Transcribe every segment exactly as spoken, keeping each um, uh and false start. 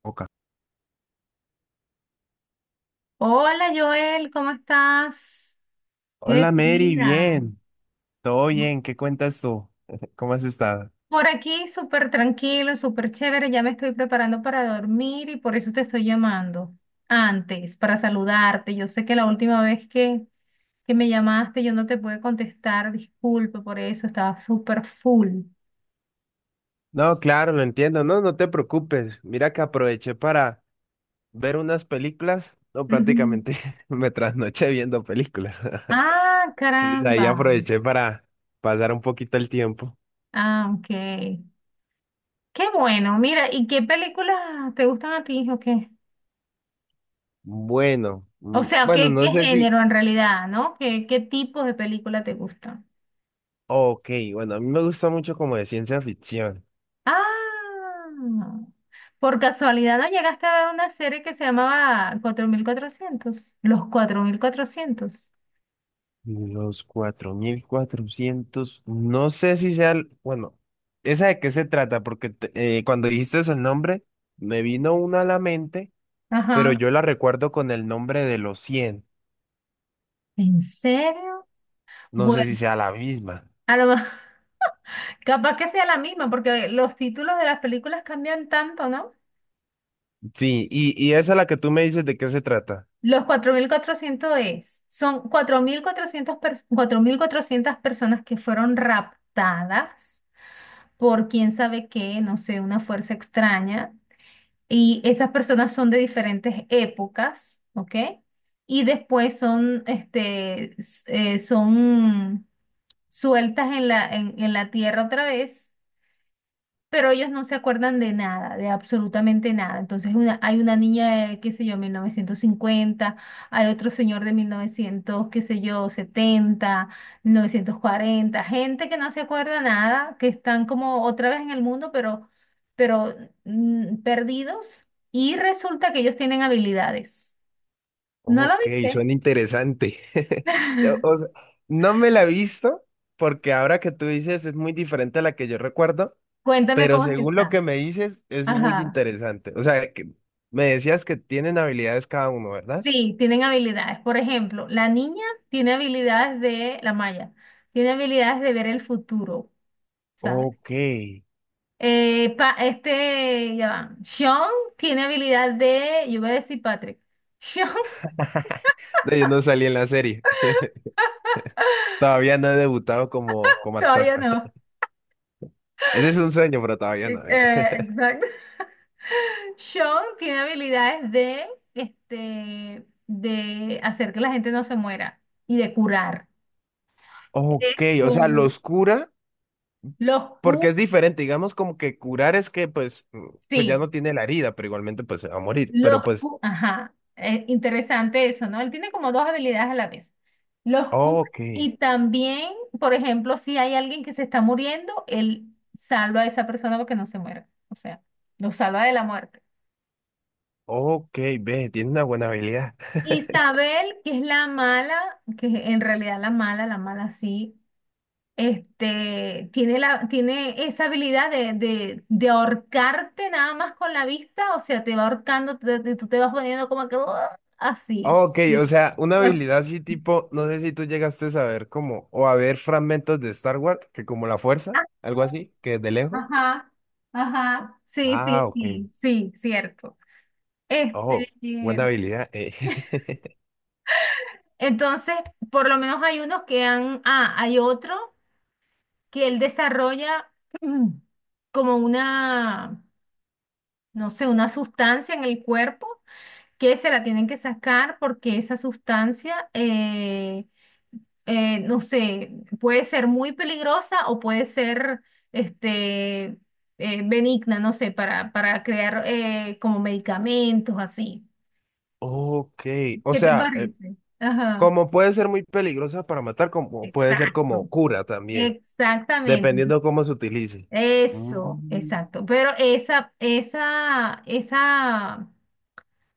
Boca. Hola Joel, ¿cómo estás? ¿Qué Hola es tu Mary, vida? bien, todo No. bien, ¿qué cuentas tú? ¿Cómo has estado? Por aquí súper tranquilo, súper chévere, ya me estoy preparando para dormir y por eso te estoy llamando antes, para saludarte. Yo sé que la última vez que, que me llamaste yo no te pude contestar, disculpe por eso, estaba súper full. No, claro, lo entiendo, no, no te preocupes. Mira que aproveché para ver unas películas, no, Ujú. prácticamente me trasnoché viendo películas. Ah, Entonces, ahí caramba. aproveché para pasar un poquito el tiempo. Ah, ok. Qué bueno, mira, ¿y qué películas te gustan a ti o qué? Bueno, O mm, sea, bueno, ¿qué, qué no sé si, género en realidad, ¿no? ¿Qué, qué tipos de película te gustan? ok, bueno, a mí me gusta mucho como de ciencia ficción. Ah, por casualidad no llegaste a ver una serie que se llamaba cuatro mil cuatrocientos, ¿los cuatro mil cuatrocientos? Los cuatro mil cuatrocientos, no sé si sea, el- bueno, ¿esa de qué se trata? Porque te- eh, cuando dijiste el nombre, me vino una a la mente, pero Ajá. yo la recuerdo con el nombre de los cien. ¿En serio? No sé si Bueno, sea la misma. a lo mejor, capaz que sea la misma, porque los títulos de las películas cambian tanto, ¿no? Sí, y, y esa la que tú me dices, ¿de qué se trata? Los cuatro mil cuatrocientos es, son cuatro mil cuatrocientos pers- cuatro mil cuatrocientos personas que fueron raptadas por quién sabe qué, no sé, una fuerza extraña. Y esas personas son de diferentes épocas, ¿ok? Y después son, este, s- eh, son sueltas en la, en, en la tierra otra vez, pero ellos no se acuerdan de nada, de absolutamente nada. Entonces, una, hay una niña de, qué sé yo, mil novecientos cincuenta, hay otro señor de mil novecientos, qué sé yo, setenta, mil novecientos cuarenta, gente que no se acuerda nada, que están como otra vez en el mundo. pero, pero mm, perdidos y resulta que ellos tienen habilidades. ¿No lo Ok, viste? suena interesante. O o sea, no me la he visto, porque ahora que tú dices es muy diferente a la que yo recuerdo. Cuéntame Pero cómo es según lo esa. que me dices, es muy Ajá. interesante. O sea, que me decías que tienen habilidades cada uno, ¿verdad? Sí, tienen habilidades. Por ejemplo, la niña tiene habilidades de la Maya, tiene habilidades de ver el futuro, ¿sabes? Ok. Eh, pa- este, ya van. Sean tiene habilidad de, yo voy a decir Patrick. Sean. No, yo no salí en la serie. Todavía no he debutado como, como actor. Todavía no. Ese es un sueño, pero todavía Eh, no. eh. Eh, exacto. Sean tiene habilidades de este, de hacer que la gente no se muera y de curar. Este, Ok, o sea, los cura. los Q, Porque es diferente, digamos como que curar es que pues, mm, pues ya sí. no tiene la herida, pero igualmente pues se va a morir. Pero Los, pues, cu- ajá, eh, interesante eso, ¿no? Él tiene como dos habilidades a la vez. Los cura ok, y también, por ejemplo, si hay alguien que se está muriendo, él salva a esa persona porque no se muera. O sea, lo salva de la muerte. ok, ve, tiene una buena habilidad. Isabel, que es la mala, que en realidad la mala, la mala sí, este, tiene la, tiene esa habilidad de, de, de ahorcarte nada más con la vista. O sea, te va ahorcando, te- te- tú te vas poniendo como que "Uah", así. Oh, ok, Sí. o sea, una Así. habilidad así tipo, no sé si tú llegaste a saber como, o a ver fragmentos de Star Wars, que como la fuerza, Ah, algo así, que de lejos. ajá, ajá, sí, Ah, sí, ok. sí, sí, cierto. Este, Oh, buena eh, habilidad. eh. entonces, por lo menos hay unos que han, ah, hay otro que él desarrolla, mm, como una, no sé, una sustancia en el cuerpo que se la tienen que sacar, porque esa sustancia, eh, eh, no sé, puede ser muy peligrosa o puede ser este, eh, benigna, no sé, para, para, crear, eh, como medicamentos así. Ok, o ¿Qué te sea, eh, parece? Ajá, como puede ser muy peligrosa para matar, como puede ser como exacto, cura también, exactamente. dependiendo cómo se utilice. Eso, Mm. exacto. Pero esa, esa, esa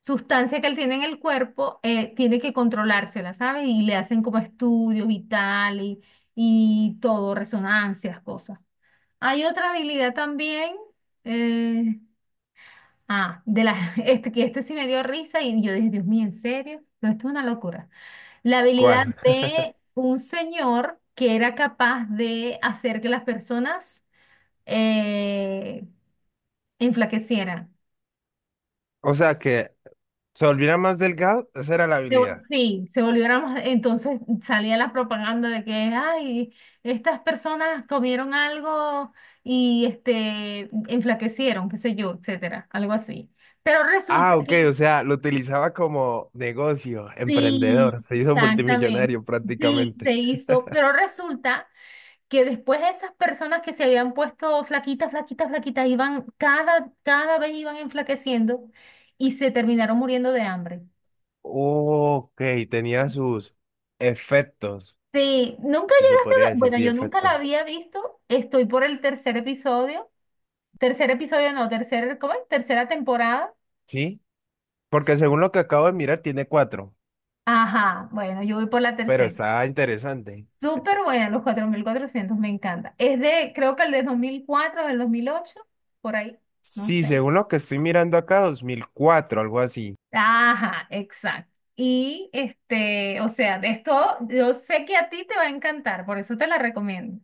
sustancia que él tiene en el cuerpo, eh, tiene que controlársela, ¿sabes? Y le hacen como estudios y tal, y, y todo, resonancias, cosas. Hay otra habilidad también, eh, ah, de la, este, que este sí me dio risa, y yo dije, Dios mío, ¿en serio? Pero esto es una locura. La habilidad ¿Cuál? de un señor que era capaz de hacer que las personas, eh, enflaquecieran. O sea, que se volviera más delgado, esa era la Se vol- habilidad. Sí, se volvieron más. Entonces salía la propaganda de que, ay, estas personas comieron algo y este, enflaquecieron, qué sé yo, etcétera, algo así. Pero Ah, resulta ok, que o sea, lo utilizaba como negocio, sí, emprendedor, se hizo exactamente, multimillonario sí, se prácticamente. hizo. Pero resulta que después esas personas que se habían puesto flaquitas, flaquitas, flaquitas, iban, cada, cada vez iban enflaqueciendo y se terminaron muriendo de hambre. Ok, tenía sus efectos, Sí, nunca si se llegaste a ver, podría decir, bueno, sí, yo nunca la efectos. había visto, estoy por el tercer episodio, tercer episodio no, tercer, ¿cómo es? Tercera temporada. Sí, porque según lo que acabo de mirar, tiene cuatro, Ajá, bueno, yo voy por la pero tercera. está interesante. Súper buena, los cuatro mil cuatrocientos, me encanta. Es de, creo que el de dos mil cuatro, del dos mil ocho, por ahí, no Sí, sé. según lo que estoy mirando acá, dos mil cuatro, algo así. Ajá, exacto. Y este, o sea, de esto, yo sé que a ti te va a encantar, por eso te la recomiendo.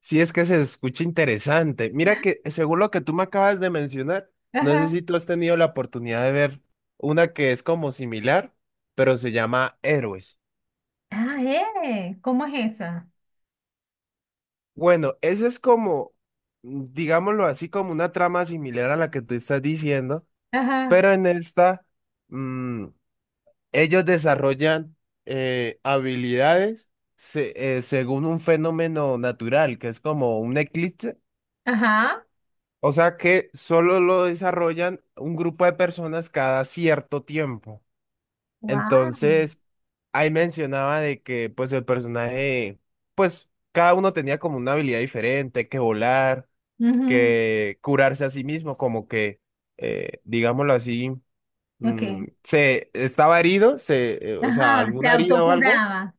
Sí, es que se escucha interesante. Mira que según lo que tú me acabas de mencionar, no sé Ajá. si tú has tenido la oportunidad de ver una que es como similar, pero se llama Héroes. Ah, eh, ¿cómo es esa? Bueno, esa es como, mm, digámoslo así, como una trama similar a la que tú estás diciendo, Ajá. pero en esta, mm, ellos desarrollan eh, habilidades se- eh, según un fenómeno natural, que es como un eclipse. Ajá. O sea que solo lo desarrollan un grupo de personas cada cierto tiempo. Wow. Entonces, ahí mencionaba de que pues el personaje, pues cada uno tenía como una habilidad diferente, que volar, que curarse a sí mismo, como que, eh, digámoslo así, mm, Ok. se estaba herido, se, eh, o sea, Ajá, se alguna herida o algo, autocuraba.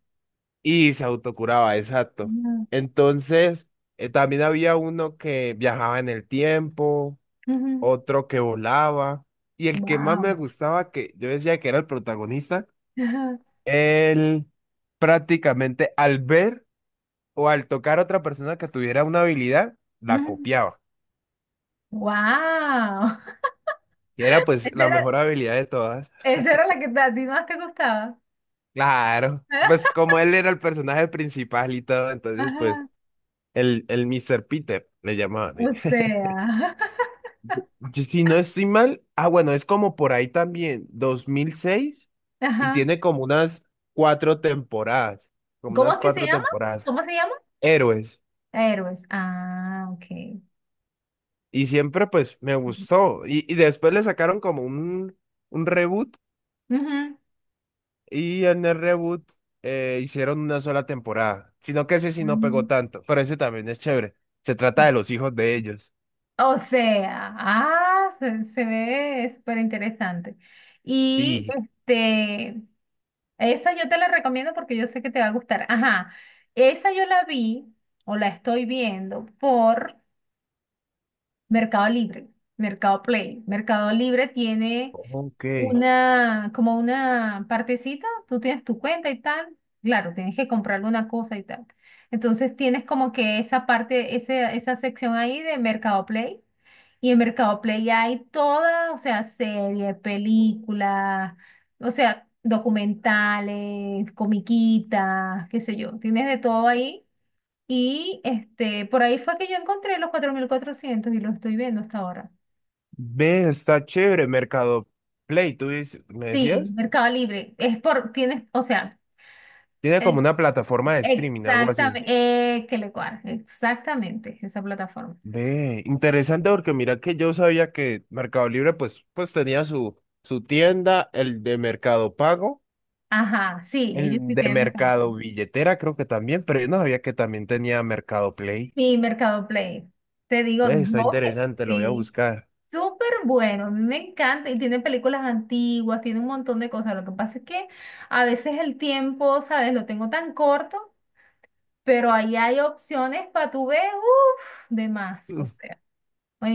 y se autocuraba, exacto. Wow. Entonces, eh, también había uno que viajaba en el tiempo, otro que volaba. Y el que más me Wow. gustaba, que yo decía que era el protagonista, él prácticamente al ver o al tocar a otra persona que tuviera una habilidad, la copiaba. Y era pues Esa la era, mejor habilidad de todas. esa era la que te- a ti más te gustaba. Claro. Pues como él era el personaje principal y todo, entonces pues Ajá. el, el mister Peter le llamaban. e, O sea. Si si no estoy mal, ah, bueno, es como por ahí también, dos mil seis y Ajá. tiene como unas cuatro temporadas, como ¿Cómo unas es que se cuatro llama? temporadas. ¿Cómo se llama? Héroes, Héroes. Ah, ok. y siempre pues me gustó, y, y después le sacaron como un, un reboot, Ujú. y en el reboot eh, hicieron una sola temporada, sino que ese sí no pegó Mm. tanto, pero ese también es chévere, se trata Ah, de los hijos de ellos, o sea, ah, se, se ve súper interesante. Y sí, este, esa yo te la recomiendo porque yo sé que te va a gustar. Ajá, esa yo la vi, o la estoy viendo por Mercado Libre, Mercado Play. Mercado Libre tiene ok, una, como una partecita, tú tienes tu cuenta y tal, claro, tienes que comprarle una cosa y tal. Entonces tienes como que esa parte, ese, esa sección ahí de Mercado Play. Y en Mercado Play hay toda, o sea, series, películas, o sea, documentales, comiquitas, qué sé yo, tienes de todo ahí. Y este, por ahí fue que yo encontré los cuatro mil cuatrocientos y lo estoy viendo hasta ahora. ve, está chévere, Mercado Play, ¿tú dices- me Sí, decías? Mercado Libre. Es por, tienes, o sea, Tiene como el- una plataforma de streaming, algo así. exactamente, eh, que le cuadra, exactamente, esa plataforma. Ve, interesante porque mira que yo sabía que Mercado Libre pues, pues tenía su, su tienda, el de Mercado Pago, Ajá, sí, ellos el sí de tienen Mercado. Mercado Billetera creo que también, pero yo no sabía que también tenía Mercado Play. Sí, Mercado Play. Te digo, Ve, está yo que interesante, lo voy a sí. buscar. Súper bueno, a mí me encanta, y tiene películas antiguas, tiene un montón de cosas. Lo que pasa es que a veces el tiempo, ¿sabes? Lo tengo tan corto, pero ahí hay opciones para tu ver, uff, de más, o Mm, sea,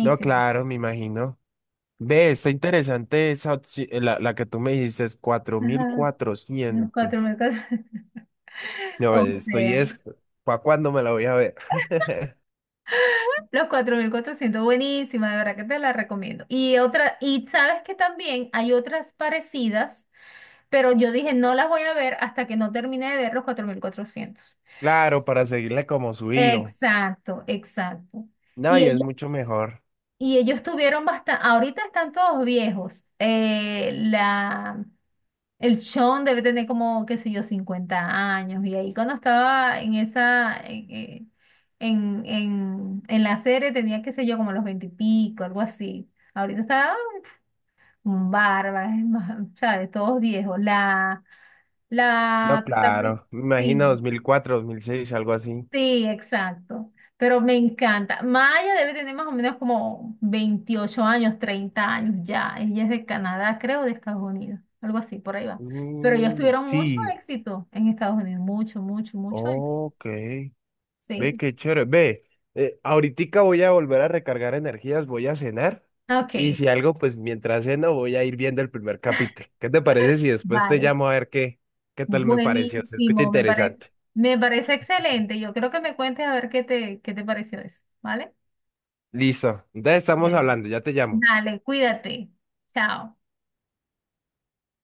no, claro, me imagino. Ve, está interesante esa opci- eh, la, la que tú me dijiste es cuatro mil Ajá. Los cuatrocientos. cuatro mil cuatrocientos. No, O eh, estoy sea, es, ¿para cuándo me la voy a ver? los cuatro mil cuatrocientos, buenísima, de verdad que te la recomiendo. Y otra, y sabes que también hay otras parecidas, pero yo dije, no las voy a ver hasta que no termine de ver los cuatro mil cuatrocientos. Claro, para seguirle como su hilo. Exacto, exacto. No, Y y hay, es mucho mejor. y ellos tuvieron bastante, ahorita están todos viejos. Eh, la, el Sean debe tener como, qué sé yo, cincuenta años. Y ahí cuando estaba en esa, eh, en, en, en la serie tenía, qué sé yo, como los veinte y pico, algo así. Ahorita está un barba, es más, ¿sabes? Todos viejos. La, No, la protagonista, claro. Me imagino sí. dos mil cuatro, dos mil seis, algo así. Sí, exacto. Pero me encanta. Maya debe tener más o menos como veintiocho años, treinta años ya. Ella es de Canadá, creo, de Estados Unidos. Algo así, por ahí va. Pero ellos Mm, tuvieron mucho sí, éxito en Estados Unidos. Mucho, mucho, mucho éxito. ok. Ve Sí. qué chévere. Ve, eh, ahoritica voy a volver a recargar energías, voy a cenar. Y Ok, si algo, pues mientras ceno voy a ir viendo el primer capítulo. ¿Qué te parece si después te vale. llamo a ver qué, qué tal me pareció? Se escucha Buenísimo, me parece. interesante. Me parece excelente. Yo creo que me cuentes a ver qué te, qué te pareció eso, ¿vale? Listo. Entonces estamos Bien. hablando, ya te llamo. Dale, cuídate. Chao.